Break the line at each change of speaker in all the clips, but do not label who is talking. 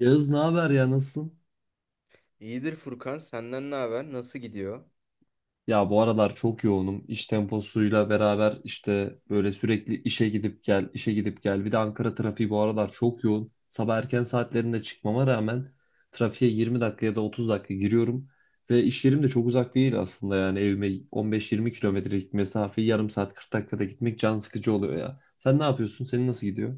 Yağız ne haber ya, nasılsın?
İyidir Furkan, senden ne haber? Nasıl gidiyor?
Ya bu aralar çok yoğunum. İş temposuyla beraber işte böyle sürekli işe gidip gel, işe gidip gel. Bir de Ankara trafiği bu aralar çok yoğun. Sabah erken saatlerinde çıkmama rağmen trafiğe 20 dakika ya da 30 dakika giriyorum. Ve iş yerim de çok uzak değil aslında, yani evime 15-20 kilometrelik mesafeyi yarım saat 40 dakikada gitmek can sıkıcı oluyor ya. Sen ne yapıyorsun? Senin nasıl gidiyor?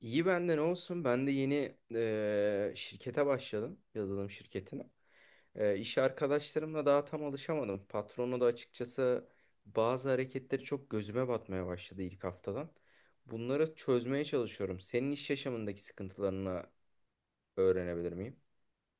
İyi bende ne olsun? Ben de yeni şirkete başladım, yazılım şirketine. İş arkadaşlarımla daha tam alışamadım. Patronu da açıkçası bazı hareketleri çok gözüme batmaya başladı ilk haftadan. Bunları çözmeye çalışıyorum. Senin iş yaşamındaki sıkıntılarını öğrenebilir miyim?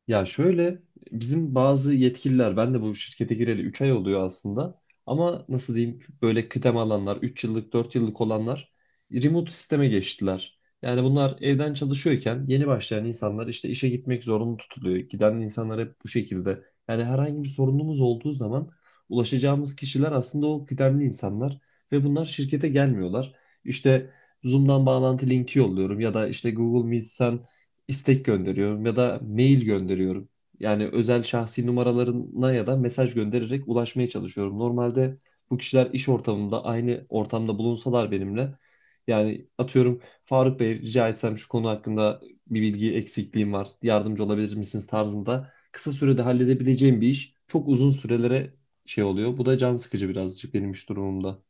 Ya şöyle, bizim bazı yetkililer, ben de bu şirkete gireli 3 ay oluyor aslında, ama nasıl diyeyim, böyle kıdem alanlar, 3 yıllık 4 yıllık olanlar remote sisteme geçtiler. Yani bunlar evden çalışıyorken yeni başlayan insanlar işte işe gitmek zorunlu tutuluyor. Giden insanlar hep bu şekilde. Yani herhangi bir sorunumuz olduğu zaman ulaşacağımız kişiler aslında o kıdemli insanlar ve bunlar şirkete gelmiyorlar. İşte Zoom'dan bağlantı linki yolluyorum ya da işte Google Meet'ten istek gönderiyorum ya da mail gönderiyorum. Yani özel şahsi numaralarına ya da mesaj göndererek ulaşmaya çalışıyorum. Normalde bu kişiler iş ortamında aynı ortamda bulunsalar benimle, yani atıyorum, Faruk Bey, rica etsem şu konu hakkında bir bilgi eksikliğim var, yardımcı olabilir misiniz tarzında kısa sürede halledebileceğim bir iş çok uzun sürelere şey oluyor. Bu da can sıkıcı birazcık benim iş durumumda.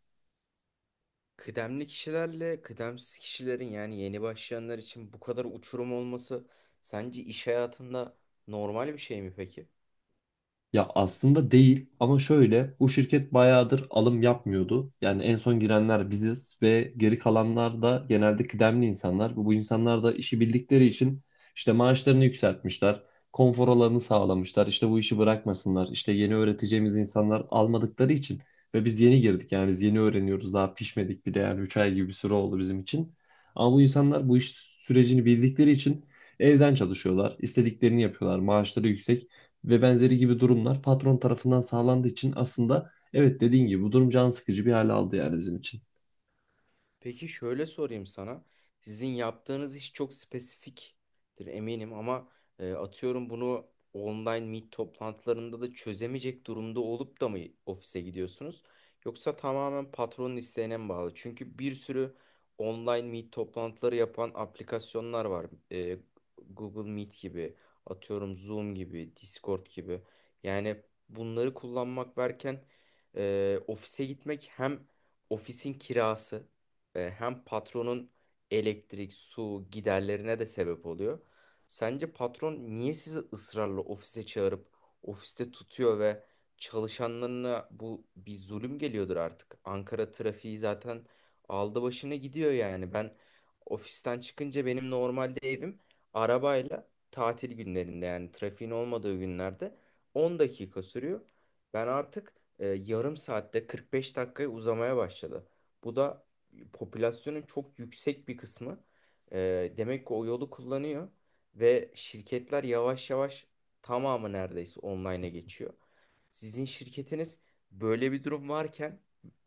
Kıdemli kişilerle kıdemsiz kişilerin yani yeni başlayanlar için bu kadar uçurum olması sence iş hayatında normal bir şey mi peki?
Ya aslında değil, ama şöyle, bu şirket bayağıdır alım yapmıyordu. Yani en son girenler biziz ve geri kalanlar da genelde kıdemli insanlar. Bu insanlar da işi bildikleri için işte maaşlarını yükseltmişler, konfor alanını sağlamışlar. İşte bu işi bırakmasınlar. İşte yeni öğreteceğimiz insanlar almadıkları için ve biz yeni girdik, yani biz yeni öğreniyoruz, daha pişmedik bile, yani 3 ay gibi bir süre oldu bizim için. Ama bu insanlar bu iş sürecini bildikleri için evden çalışıyorlar, istediklerini yapıyorlar, maaşları yüksek ve benzeri gibi durumlar patron tarafından sağlandığı için, aslında evet, dediğin gibi bu durum can sıkıcı bir hale aldı yani bizim için.
Peki şöyle sorayım sana. Sizin yaptığınız iş çok spesifiktir eminim ama atıyorum bunu online meet toplantılarında da çözemeyecek durumda olup da mı ofise gidiyorsunuz? Yoksa tamamen patronun isteğine mi bağlı? Çünkü bir sürü online meet toplantıları yapan aplikasyonlar var. E, Google Meet gibi, atıyorum Zoom gibi, Discord gibi. Yani bunları kullanmak varken ofise gitmek hem ofisin kirası, hem patronun elektrik, su giderlerine de sebep oluyor. Sence patron niye sizi ısrarla ofise çağırıp ofiste tutuyor ve çalışanlarına bu bir zulüm geliyordur artık. Ankara trafiği zaten aldı başını gidiyor yani. Ben ofisten çıkınca benim normalde evim arabayla tatil günlerinde yani trafiğin olmadığı günlerde 10 dakika sürüyor. Ben artık yarım saatte 45 dakikaya uzamaya başladı. Bu da popülasyonun çok yüksek bir kısmı, demek ki o yolu kullanıyor ve şirketler yavaş yavaş tamamı neredeyse online'a geçiyor. Sizin şirketiniz böyle bir durum varken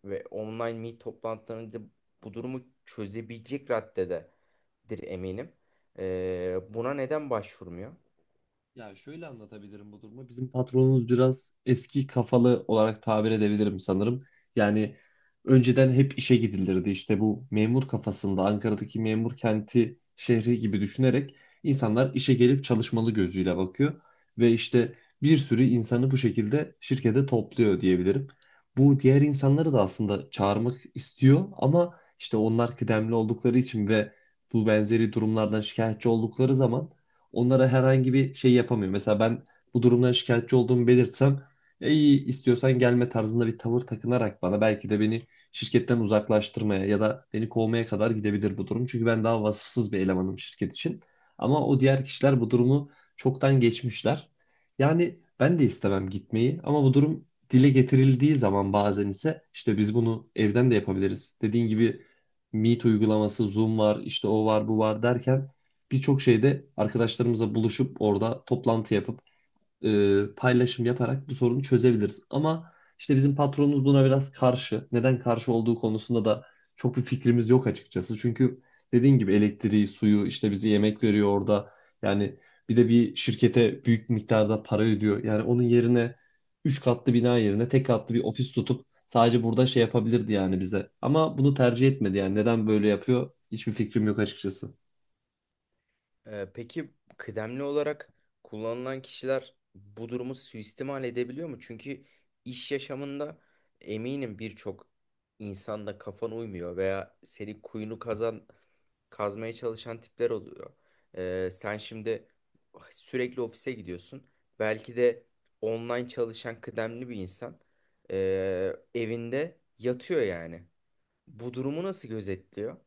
ve online meet toplantılarında bu durumu çözebilecek raddededir eminim. Buna neden başvurmuyor?
Ya şöyle anlatabilirim bu durumu. Bizim patronumuz biraz eski kafalı olarak tabir edebilirim sanırım. Yani önceden hep işe gidilirdi. İşte bu memur kafasında, Ankara'daki memur kenti şehri gibi düşünerek insanlar işe gelip çalışmalı gözüyle bakıyor. Ve işte bir sürü insanı bu şekilde şirkete topluyor diyebilirim. Bu diğer insanları da aslında çağırmak istiyor, ama işte onlar kıdemli oldukları için ve bu benzeri durumlardan şikayetçi oldukları zaman onlara herhangi bir şey yapamıyor. Mesela ben bu durumdan şikayetçi olduğumu belirtsem, "E, iyi, istiyorsan gelme" tarzında bir tavır takınarak bana, belki de beni şirketten uzaklaştırmaya ya da beni kovmaya kadar gidebilir bu durum. Çünkü ben daha vasıfsız bir elemanım şirket için. Ama o diğer kişiler bu durumu çoktan geçmişler. Yani ben de istemem gitmeyi, ama bu durum dile getirildiği zaman, bazen ise işte biz bunu evden de yapabiliriz. Dediğin gibi Meet uygulaması, Zoom var, işte o var, bu var derken, birçok şeyde arkadaşlarımızla buluşup orada toplantı yapıp paylaşım yaparak bu sorunu çözebiliriz. Ama işte bizim patronumuz buna biraz karşı. Neden karşı olduğu konusunda da çok bir fikrimiz yok açıkçası. Çünkü dediğin gibi elektriği, suyu, işte bize yemek veriyor orada. Yani bir de bir şirkete büyük miktarda para ödüyor. Yani onun yerine 3 katlı bina yerine tek katlı bir ofis tutup sadece burada şey yapabilirdi yani bize. Ama bunu tercih etmedi yani. Neden böyle yapıyor? Hiçbir fikrim yok açıkçası.
Peki kıdemli olarak kullanılan kişiler bu durumu suistimal edebiliyor mu? Çünkü iş yaşamında eminim birçok insanda kafan uymuyor veya seni kuyunu kazan kazmaya çalışan tipler oluyor. Sen şimdi sürekli ofise gidiyorsun. Belki de online çalışan kıdemli bir insan evinde yatıyor yani. Bu durumu nasıl gözetliyor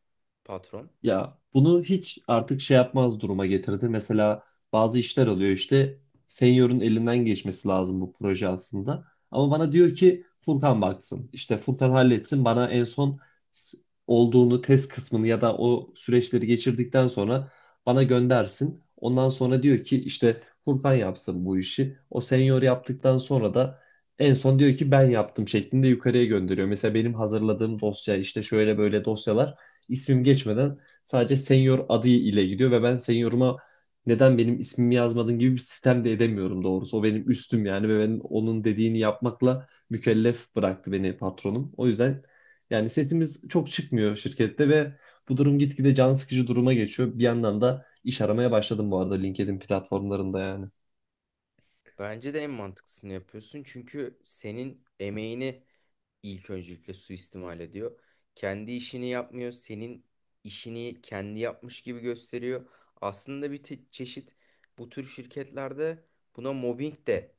patron?
Ya bunu hiç artık şey yapmaz duruma getirdi. Mesela bazı işler oluyor, işte senior'un elinden geçmesi lazım bu proje aslında. Ama bana diyor ki Furkan baksın. İşte Furkan halletsin, bana en son s- olduğunu test kısmını ya da o süreçleri geçirdikten sonra bana göndersin. Ondan sonra diyor ki işte Furkan yapsın bu işi. O senior yaptıktan sonra da en son diyor ki ben yaptım şeklinde yukarıya gönderiyor. Mesela benim hazırladığım dosya, işte şöyle böyle dosyalar, ismim geçmeden sadece senior adı ile gidiyor ve ben senioruma neden benim ismimi yazmadın gibi bir sistem de edemiyorum doğrusu. O benim üstüm yani ve ben onun dediğini yapmakla mükellef bıraktı beni patronum. O yüzden yani sesimiz çok çıkmıyor şirkette ve bu durum gitgide can sıkıcı duruma geçiyor. Bir yandan da iş aramaya başladım bu arada LinkedIn platformlarında yani.
Bence de en mantıklısını yapıyorsun. Çünkü senin emeğini ilk öncelikle suistimal ediyor. Kendi işini yapmıyor. Senin işini kendi yapmış gibi gösteriyor. Aslında bir çeşit bu tür şirketlerde buna mobbing de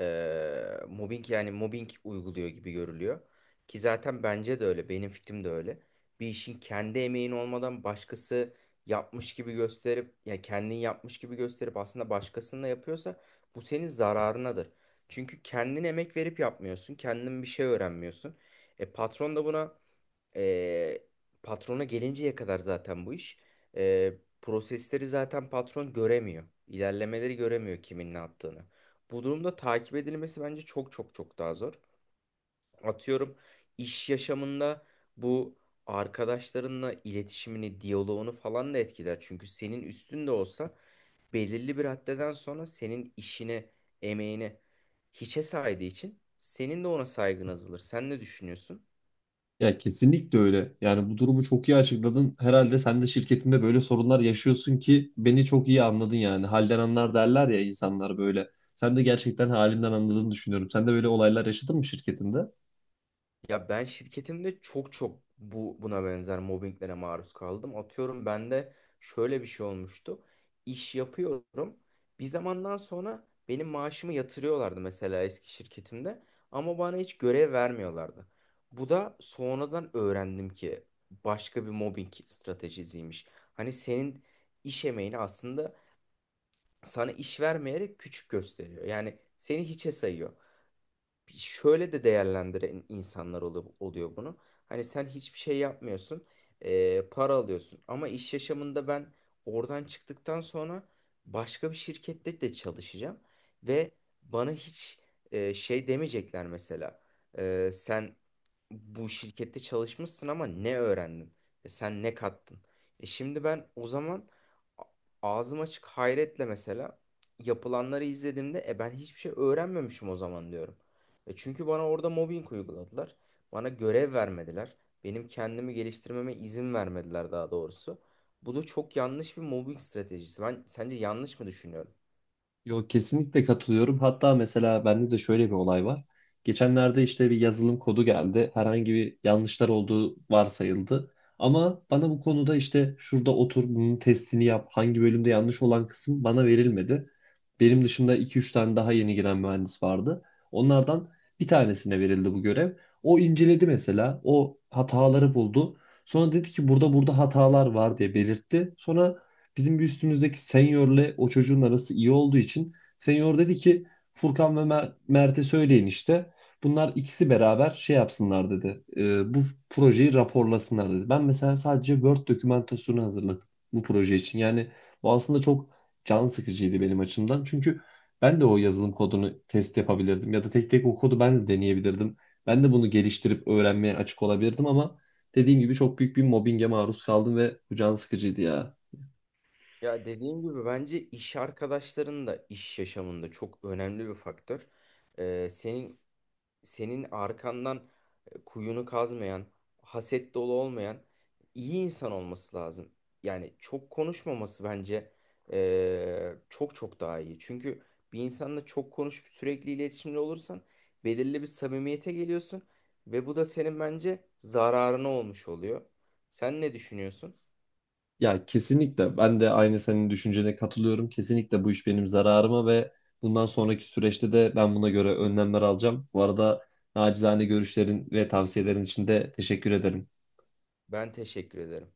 mobbing yani mobbing uyguluyor gibi görülüyor. Ki zaten bence de öyle, benim fikrim de öyle. Bir işin kendi emeğin olmadan başkası yapmış gibi gösterip, ya kendin yapmış gibi gösterip aslında başkasının da yapıyorsa bu senin zararınadır. Çünkü kendin emek verip yapmıyorsun, kendin bir şey öğrenmiyorsun. E patron da buna, ee, patrona gelinceye kadar zaten bu iş. Ee, Prosesleri zaten patron göremiyor. İlerlemeleri göremiyor kimin ne yaptığını. Bu durumda takip edilmesi bence çok çok çok daha zor. Atıyorum iş yaşamında bu arkadaşlarınla iletişimini, diyaloğunu falan da etkiler. Çünkü senin üstünde olsa belirli bir haddeden sonra senin işine, emeğine hiçe saydığı için senin de ona saygın azalır. Sen ne düşünüyorsun?
Ya kesinlikle öyle. Yani bu durumu çok iyi açıkladın. Herhalde sen de şirketinde böyle sorunlar yaşıyorsun ki beni çok iyi anladın yani. Halden anlar derler ya insanlar, böyle. Sen de gerçekten halimden anladığını düşünüyorum. Sen de böyle olaylar yaşadın mı şirketinde?
Ya ben şirketimde çok çok bu buna benzer mobbinglere maruz kaldım. Atıyorum bende şöyle bir şey olmuştu. İş yapıyorum. Bir zamandan sonra benim maaşımı yatırıyorlardı mesela eski şirketimde ama bana hiç görev vermiyorlardı. Bu da sonradan öğrendim ki başka bir mobbing stratejisiymiş. Hani senin iş emeğini aslında sana iş vermeyerek küçük gösteriyor. Yani seni hiçe sayıyor, şöyle de değerlendiren insanlar oluyor, oluyor bunu. Hani sen hiçbir şey yapmıyorsun, para alıyorsun. Ama iş yaşamında ben oradan çıktıktan sonra başka bir şirkette de çalışacağım ve bana hiç şey demeyecekler mesela. Sen bu şirkette çalışmışsın ama ne öğrendin? Sen ne kattın? E şimdi ben o zaman a- ağzım açık hayretle mesela yapılanları izlediğimde e ben hiçbir şey öğrenmemişim o zaman diyorum. E çünkü bana orada mobbing uyguladılar. Bana görev vermediler. Benim kendimi geliştirmeme izin vermediler daha doğrusu. Bu da çok yanlış bir mobbing stratejisi. Ben sence yanlış mı düşünüyorum?
Yok, kesinlikle katılıyorum. Hatta mesela bende de şöyle bir olay var. Geçenlerde işte bir yazılım kodu geldi. Herhangi bir yanlışlar olduğu varsayıldı. Ama bana bu konuda işte şurada otur bunun testini yap. Hangi bölümde yanlış olan kısım bana verilmedi. Benim dışında iki üç tane daha yeni giren mühendis vardı. Onlardan bir tanesine verildi bu görev. O inceledi mesela. O hataları buldu. Sonra dedi ki burada burada hatalar var diye belirtti. Sonra bizim bir üstümüzdeki seniorle o çocuğun arası iyi olduğu için senior dedi ki Furkan ve Mert'e söyleyin işte. Bunlar ikisi beraber şey yapsınlar dedi. Bu projeyi raporlasınlar dedi. Ben mesela sadece Word dokümantasyonu hazırladım bu proje için. Yani bu aslında çok can sıkıcıydı benim açımdan. Çünkü ben de o yazılım kodunu test yapabilirdim ya da tek tek o kodu ben de deneyebilirdim. Ben de bunu geliştirip öğrenmeye açık olabilirdim, ama dediğim gibi çok büyük bir mobbinge maruz kaldım ve bu can sıkıcıydı ya.
Ya dediğim gibi bence iş arkadaşların da iş yaşamında çok önemli bir faktör. Ee, senin senin arkandan kuyunu kazmayan, haset dolu olmayan iyi insan olması lazım. Yani çok konuşmaması bence çok çok daha iyi. Çünkü bir insanla çok konuşup sürekli iletişimde olursan belirli bir samimiyete geliyorsun ve bu da senin bence zararına olmuş oluyor. Sen ne düşünüyorsun?
Ya kesinlikle ben de aynı senin düşüncene katılıyorum. Kesinlikle bu iş benim zararıma ve bundan sonraki süreçte de ben buna göre önlemler alacağım. Bu arada nacizane görüşlerin ve tavsiyelerin için de teşekkür ederim.
Ben teşekkür ederim.